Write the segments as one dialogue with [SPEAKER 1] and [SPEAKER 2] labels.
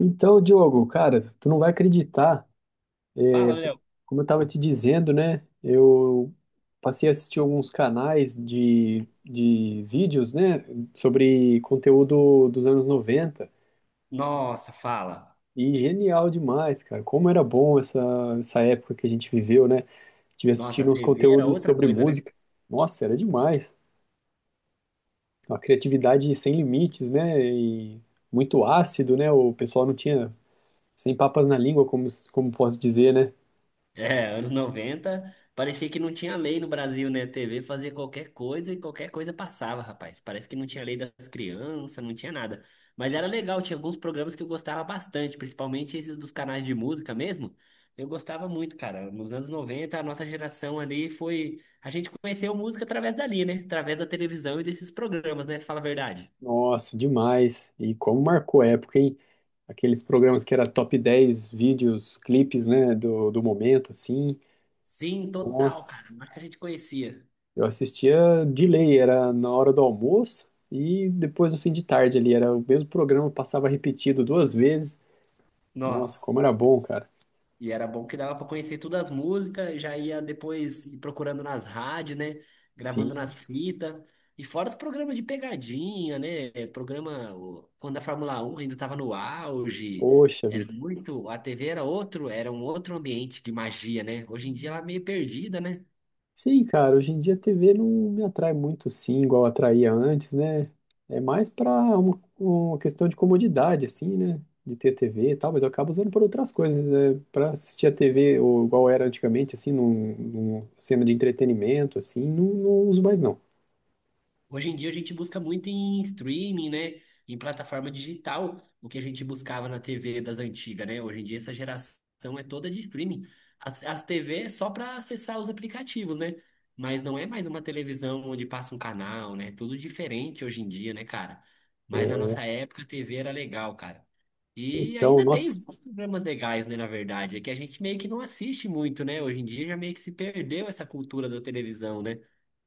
[SPEAKER 1] Então, Diogo, cara, tu não vai acreditar,
[SPEAKER 2] Fala, Léo.
[SPEAKER 1] como eu tava te dizendo, né? Eu passei a assistir alguns canais de vídeos, né, sobre conteúdo dos anos 90.
[SPEAKER 2] Nossa, fala.
[SPEAKER 1] E genial demais, cara. Como era bom essa época que a gente viveu, né? Tive
[SPEAKER 2] Nossa, a
[SPEAKER 1] assistindo uns
[SPEAKER 2] TV era
[SPEAKER 1] conteúdos
[SPEAKER 2] outra
[SPEAKER 1] sobre
[SPEAKER 2] coisa, né?
[SPEAKER 1] música. Nossa, era demais. Uma criatividade sem limites, né? E muito ácido, né? O pessoal não tinha sem papas na língua, como posso dizer, né?
[SPEAKER 2] É, anos 90, parecia que não tinha lei no Brasil, né? A TV fazia qualquer coisa e qualquer coisa passava, rapaz. Parece que não tinha lei das crianças, não tinha nada. Mas era legal, tinha alguns programas que eu gostava bastante, principalmente esses dos canais de música mesmo. Eu gostava muito, cara. Nos anos 90, a nossa geração ali foi. A gente conheceu música através dali, né? Através da televisão e desses programas, né? Fala a verdade.
[SPEAKER 1] Nossa, demais. E como marcou época, hein? Aqueles programas que era top 10 vídeos, clipes, né, do momento, assim.
[SPEAKER 2] Sim, total, cara.
[SPEAKER 1] Nossa,
[SPEAKER 2] Mas que a gente conhecia.
[SPEAKER 1] eu assistia de lei, era na hora do almoço e depois no fim de tarde ali. Era o mesmo programa, passava repetido duas vezes. Nossa,
[SPEAKER 2] Nossa,
[SPEAKER 1] como era bom, cara.
[SPEAKER 2] e era bom que dava pra conhecer todas as músicas, já ia depois ir procurando nas rádios, né?
[SPEAKER 1] Sim,
[SPEAKER 2] Gravando nas fitas. E fora os programas de pegadinha, né? Quando a Fórmula Um ainda estava no auge,
[SPEAKER 1] poxa
[SPEAKER 2] era
[SPEAKER 1] vida.
[SPEAKER 2] muito, a TV era outro, era um outro ambiente de magia, né? Hoje em dia ela é meio perdida, né?
[SPEAKER 1] Sim, cara, hoje em dia a TV não me atrai muito, sim, igual atraía antes, né? É mais para uma questão de comodidade, assim, né? De ter TV e tal, mas eu acabo usando por outras coisas, né? Para assistir a TV, ou igual era antigamente, assim, numa cena de entretenimento, assim, não, não uso mais, não.
[SPEAKER 2] Hoje em dia a gente busca muito em streaming, né? Em plataforma digital, o que a gente buscava na TV das antigas, né? Hoje em dia essa geração é toda de streaming. As TV é só para acessar os aplicativos, né? Mas não é mais uma televisão onde passa um canal, né? Tudo diferente hoje em dia, né, cara? Mas na
[SPEAKER 1] É,
[SPEAKER 2] nossa época a TV era legal, cara. E
[SPEAKER 1] então,
[SPEAKER 2] ainda tem
[SPEAKER 1] nossa,
[SPEAKER 2] vários programas legais, né, na verdade. É que a gente meio que não assiste muito, né? Hoje em dia já meio que se perdeu essa cultura da televisão, né?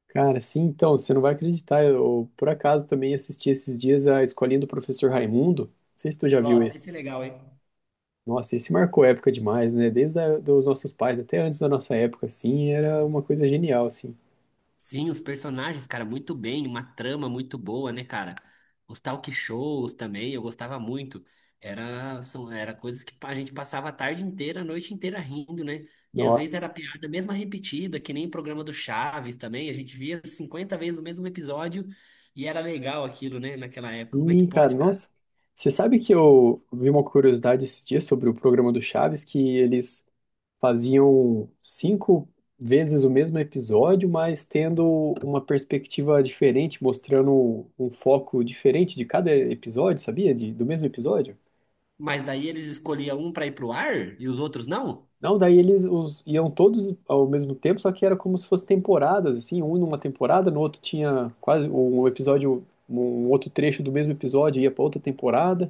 [SPEAKER 1] cara, sim, então, você não vai acreditar, eu por acaso também assisti esses dias a Escolinha do Professor Raimundo, não sei se tu já viu
[SPEAKER 2] Nossa,
[SPEAKER 1] esse.
[SPEAKER 2] isso é legal, hein?
[SPEAKER 1] Nossa, esse marcou época demais, né? Dos nossos pais até antes da nossa época, assim, era uma coisa genial, assim.
[SPEAKER 2] Sim, os personagens, cara, muito bem, uma trama muito boa, né, cara? Os talk shows também, eu gostava muito. Era, são, era coisas que a gente passava a tarde inteira, a noite inteira rindo, né? E às vezes era
[SPEAKER 1] Nossa,
[SPEAKER 2] piada mesma repetida, que nem o programa do Chaves também, a gente via 50 vezes o mesmo episódio e era legal aquilo, né, naquela época. Como é que
[SPEAKER 1] e, cara,
[SPEAKER 2] pode, cara?
[SPEAKER 1] nossa. Você sabe que eu vi uma curiosidade esses dias sobre o programa do Chaves, que eles faziam cinco vezes o mesmo episódio, mas tendo uma perspectiva diferente, mostrando um foco diferente de cada episódio, sabia? Do mesmo episódio?
[SPEAKER 2] Mas daí eles escolhiam um pra ir pro ar e os outros não?
[SPEAKER 1] Não, daí iam todos ao mesmo tempo, só que era como se fossem temporadas, assim, um numa temporada, no outro tinha quase um episódio, um outro trecho do mesmo episódio ia para outra temporada.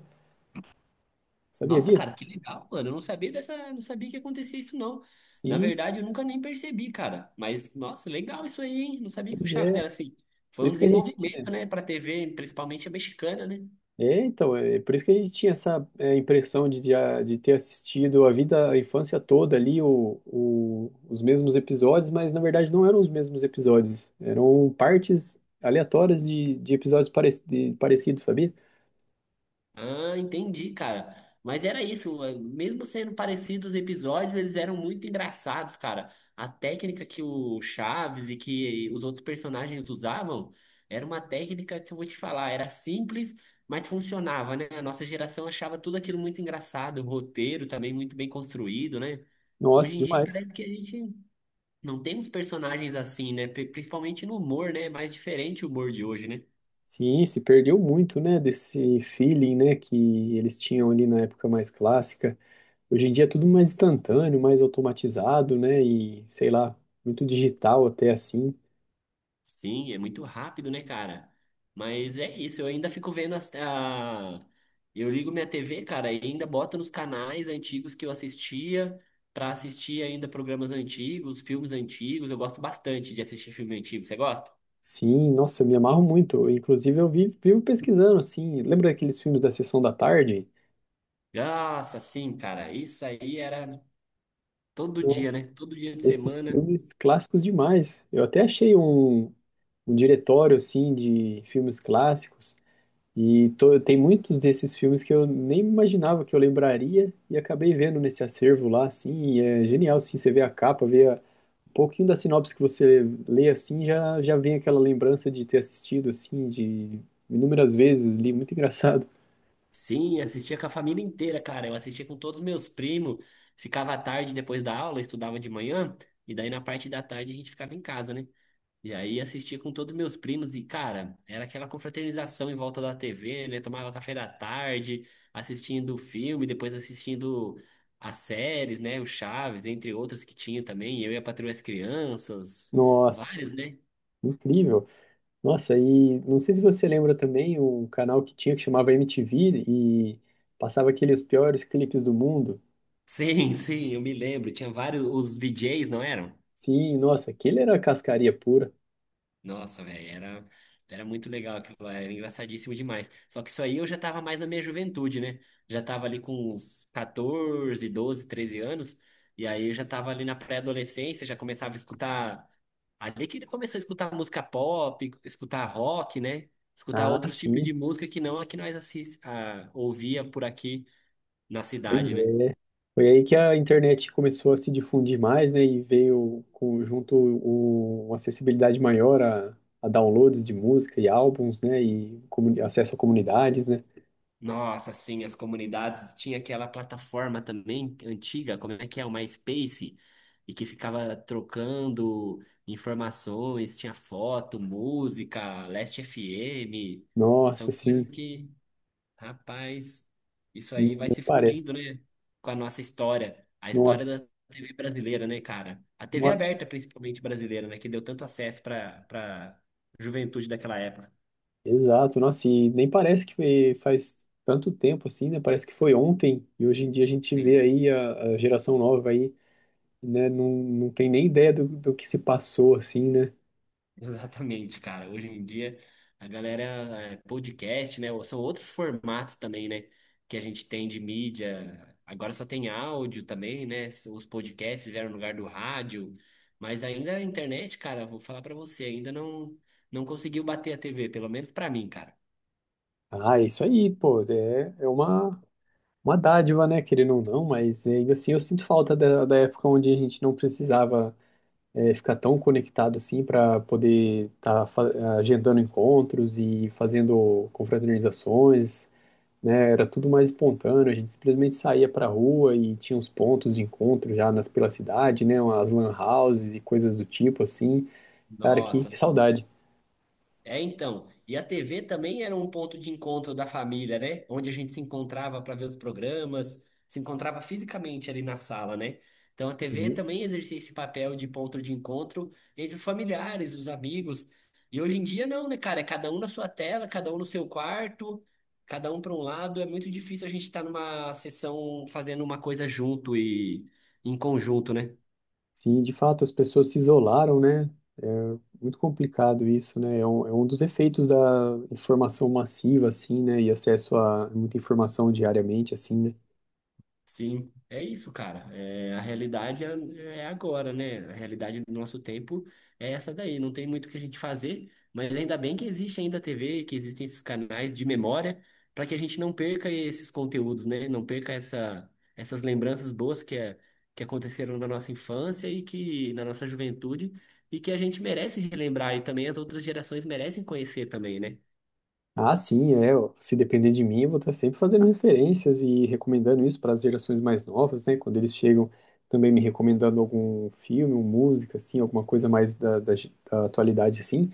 [SPEAKER 1] Sabia
[SPEAKER 2] Nossa,
[SPEAKER 1] disso?
[SPEAKER 2] cara, que legal, mano. Eu não sabia dessa, não sabia que acontecia isso, não. Na
[SPEAKER 1] Sim,
[SPEAKER 2] verdade, eu nunca nem percebi, cara. Mas, nossa, legal isso aí, hein? Não sabia que o
[SPEAKER 1] pois
[SPEAKER 2] Chaves
[SPEAKER 1] é.
[SPEAKER 2] era assim. Foi
[SPEAKER 1] Por
[SPEAKER 2] um
[SPEAKER 1] isso que a gente
[SPEAKER 2] desenvolvimento,
[SPEAKER 1] tinha.
[SPEAKER 2] né, pra TV, principalmente a mexicana, né?
[SPEAKER 1] É, então, é por isso que a gente tinha essa impressão de ter assistido a vida, a infância toda ali, os mesmos episódios, mas na verdade não eram os mesmos episódios, eram partes aleatórias de episódios parecidos, sabia?
[SPEAKER 2] Ah, entendi, cara. Mas era isso, mesmo sendo parecidos os episódios, eles eram muito engraçados, cara. A técnica que o Chaves e que os outros personagens usavam era uma técnica que eu vou te falar, era simples, mas funcionava, né? A nossa geração achava tudo aquilo muito engraçado, o roteiro também muito bem construído, né?
[SPEAKER 1] Nossa,
[SPEAKER 2] Hoje em dia
[SPEAKER 1] demais.
[SPEAKER 2] parece que a gente não tem uns personagens assim, né? Principalmente no humor, né? É mais diferente o humor de hoje, né?
[SPEAKER 1] Sim, se perdeu muito, né, desse feeling, né, que eles tinham ali na época mais clássica. Hoje em dia é tudo mais instantâneo, mais automatizado, né, e sei lá, muito digital até assim.
[SPEAKER 2] Sim, é muito rápido, né, cara? Mas é isso, eu ainda fico vendo as, a... Eu ligo minha TV, cara, e ainda boto nos canais antigos que eu assistia, pra assistir ainda programas antigos, filmes antigos. Eu gosto bastante de assistir filme antigo. Você gosta?
[SPEAKER 1] Sim, nossa, me amarro muito. Inclusive eu vivo pesquisando, assim, lembra aqueles filmes da Sessão da Tarde?
[SPEAKER 2] Nossa, sim, cara. Isso aí era todo dia,
[SPEAKER 1] Nossa,
[SPEAKER 2] né? Todo dia de
[SPEAKER 1] esses
[SPEAKER 2] semana.
[SPEAKER 1] filmes clássicos demais. Eu até achei um diretório, assim, de filmes clássicos. E tô, tem muitos desses filmes que eu nem imaginava que eu lembraria e acabei vendo nesse acervo lá, assim, e é genial, assim, você vê a capa, vê um pouquinho da sinopse que você lê, assim, já vem aquela lembrança de ter assistido, assim, de inúmeras vezes li, muito engraçado.
[SPEAKER 2] Sim, assistia com a família inteira, cara. Eu assistia com todos os meus primos. Ficava à tarde depois da aula, estudava de manhã, e daí na parte da tarde a gente ficava em casa, né? E aí assistia com todos meus primos e, cara, era aquela confraternização em volta da TV, né? Tomava café da tarde, assistindo o filme, depois assistindo as séries, né? O Chaves, entre outras que tinha também. Eu e a Patroa e as Crianças,
[SPEAKER 1] Nossa,
[SPEAKER 2] várias, né?
[SPEAKER 1] incrível. Nossa, e não sei se você lembra também o canal que tinha que chamava MTV e passava aqueles piores clipes do mundo.
[SPEAKER 2] Sim, sim, eu me lembro. Tinha vários, os VJs, não eram?
[SPEAKER 1] Sim, nossa, aquele era cascaria pura.
[SPEAKER 2] Nossa, velho, era, era muito legal aquilo lá, era engraçadíssimo demais. Só que isso aí eu já tava mais na minha juventude, né? Já tava ali com uns 14, 12, 13 anos, e aí eu já tava ali na pré-adolescência, já começava a escutar. Ali que ele começou a escutar música pop, escutar rock, né? Escutar
[SPEAKER 1] Ah,
[SPEAKER 2] outros tipos
[SPEAKER 1] sim.
[SPEAKER 2] de música que não a que ouvia por aqui na
[SPEAKER 1] Pois
[SPEAKER 2] cidade, né?
[SPEAKER 1] é. Foi aí que a internet começou a se difundir mais, né? E veio com, junto o, uma acessibilidade maior a downloads de música e álbuns, né? E acesso a comunidades, né?
[SPEAKER 2] Nossa, sim, as comunidades. Tinha aquela plataforma também antiga, como é que é? O MySpace, e que ficava trocando informações, tinha foto, música, Last FM. São
[SPEAKER 1] Nossa,
[SPEAKER 2] coisas
[SPEAKER 1] sim.
[SPEAKER 2] que, rapaz, isso
[SPEAKER 1] E
[SPEAKER 2] aí vai
[SPEAKER 1] nem
[SPEAKER 2] se
[SPEAKER 1] parece.
[SPEAKER 2] fundindo, né? Com a nossa história, a história da
[SPEAKER 1] Nossa,
[SPEAKER 2] TV brasileira, né, cara? A TV
[SPEAKER 1] nossa.
[SPEAKER 2] aberta, principalmente brasileira, né? Que deu tanto acesso para juventude daquela época.
[SPEAKER 1] Exato, nossa. E nem parece que faz tanto tempo assim, né? Parece que foi ontem. E hoje em dia a gente vê
[SPEAKER 2] Sim.
[SPEAKER 1] aí a geração nova aí, né? Não, não tem nem ideia do que se passou, assim, né?
[SPEAKER 2] Exatamente, cara. Hoje em dia a galera é podcast, né? ou são outros formatos também, né? Que a gente tem de mídia. Agora só tem áudio também, né? Os podcasts vieram no lugar do rádio, mas ainda a internet, cara, vou falar pra você, ainda não conseguiu bater a TV, pelo menos pra mim, cara.
[SPEAKER 1] Ah, é isso aí, pô, é uma dádiva, né, querendo ou não, mas ainda assim eu sinto falta da época onde a gente não precisava ficar tão conectado assim para poder estar agendando encontros e fazendo confraternizações, né, era tudo mais espontâneo, a gente simplesmente saía para rua e tinha uns pontos de encontro já nas, pela cidade, né, as lan houses e coisas do tipo assim, cara, que,
[SPEAKER 2] Nossa,
[SPEAKER 1] que
[SPEAKER 2] assim.
[SPEAKER 1] saudade.
[SPEAKER 2] É, então. E a TV também era um ponto de encontro da família, né? Onde a gente se encontrava para ver os programas, se encontrava fisicamente ali na sala, né? Então a TV também exercia esse papel de ponto de encontro entre os familiares, os amigos. E hoje em dia não, né, cara? É cada um na sua tela, cada um no seu quarto, cada um para um lado. É muito difícil a gente estar numa sessão fazendo uma coisa junto e em conjunto, né?
[SPEAKER 1] Sim, de fato, as pessoas se isolaram, né? É muito complicado isso, né? É um dos efeitos da informação massiva, assim, né? E acesso a muita informação diariamente, assim, né?
[SPEAKER 2] Sim, é isso, cara. É, a realidade é, é agora, né? A realidade do nosso tempo é essa daí. Não tem muito o que a gente fazer, mas ainda bem que existe ainda a TV, que existem esses canais de memória, para que a gente não perca esses conteúdos, né? Não perca essa, essas lembranças boas que, é, que aconteceram na nossa infância e que na nossa juventude e que a gente merece relembrar e também as outras gerações merecem conhecer também, né?
[SPEAKER 1] Ah, sim, é. Ó, se depender de mim, eu vou estar sempre fazendo referências e recomendando isso para as gerações mais novas, né? Quando eles chegam, também me recomendando algum filme, uma música, assim, alguma coisa mais da atualidade, assim.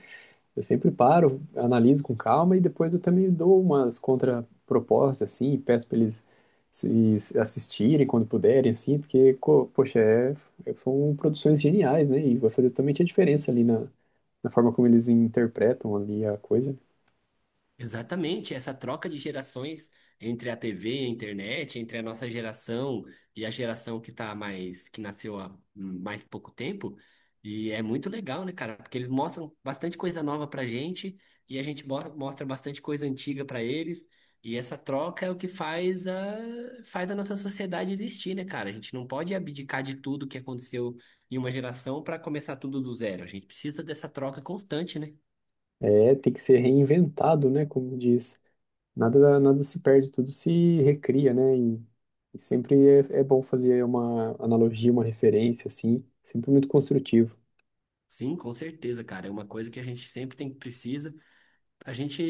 [SPEAKER 1] Eu sempre paro, analiso com calma e depois eu também dou umas contrapropostas, assim, e peço para eles se assistirem quando puderem, assim, porque, poxa, são produções geniais, né? E vai fazer totalmente a diferença ali na forma como eles interpretam ali a coisa.
[SPEAKER 2] Exatamente, essa troca de gerações entre a TV e a internet, entre a nossa geração e a geração que tá mais, que nasceu há mais pouco tempo, e é muito legal, né, cara? Porque eles mostram bastante coisa nova pra gente e a gente mostra bastante coisa antiga pra eles, e essa troca é o que faz a, faz a nossa sociedade existir, né, cara? A gente não pode abdicar de tudo que aconteceu em uma geração pra começar tudo do zero. A gente precisa dessa troca constante, né?
[SPEAKER 1] É, tem que ser reinventado, né? Como diz, nada se perde, tudo se recria, né? E sempre é bom fazer uma analogia, uma referência, assim, sempre muito construtivo.
[SPEAKER 2] Sim, com certeza, cara. É uma coisa que a gente sempre tem precisa. A gente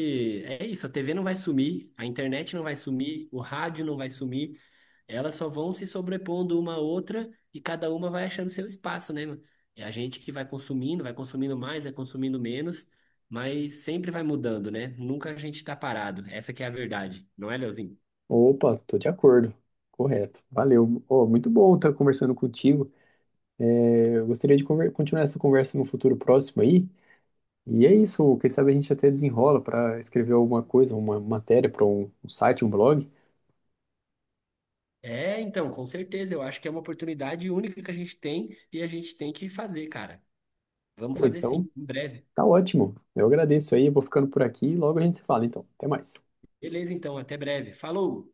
[SPEAKER 2] é isso, a TV não vai sumir, a internet não vai sumir, o rádio não vai sumir. Elas só vão se sobrepondo uma à outra e cada uma vai achando seu espaço, né, mano? É a gente que vai consumindo mais, vai consumindo menos, mas sempre vai mudando, né? Nunca a gente tá parado. Essa que é a verdade, não é, Leozinho?
[SPEAKER 1] Opa, tô de acordo. Correto. Valeu. Ó, muito bom estar conversando contigo. É, eu gostaria de continuar essa conversa no futuro próximo aí. E é isso. Quem sabe a gente até desenrola para escrever alguma coisa, uma matéria para um site, um blog.
[SPEAKER 2] É, então, com certeza. Eu acho que é uma oportunidade única que a gente tem e a gente tem que fazer, cara. Vamos
[SPEAKER 1] Pô,
[SPEAKER 2] fazer
[SPEAKER 1] então,
[SPEAKER 2] sim, em breve.
[SPEAKER 1] tá ótimo. Eu agradeço aí. Vou ficando por aqui e logo a gente se fala. Então, até mais.
[SPEAKER 2] Beleza, então, até breve. Falou!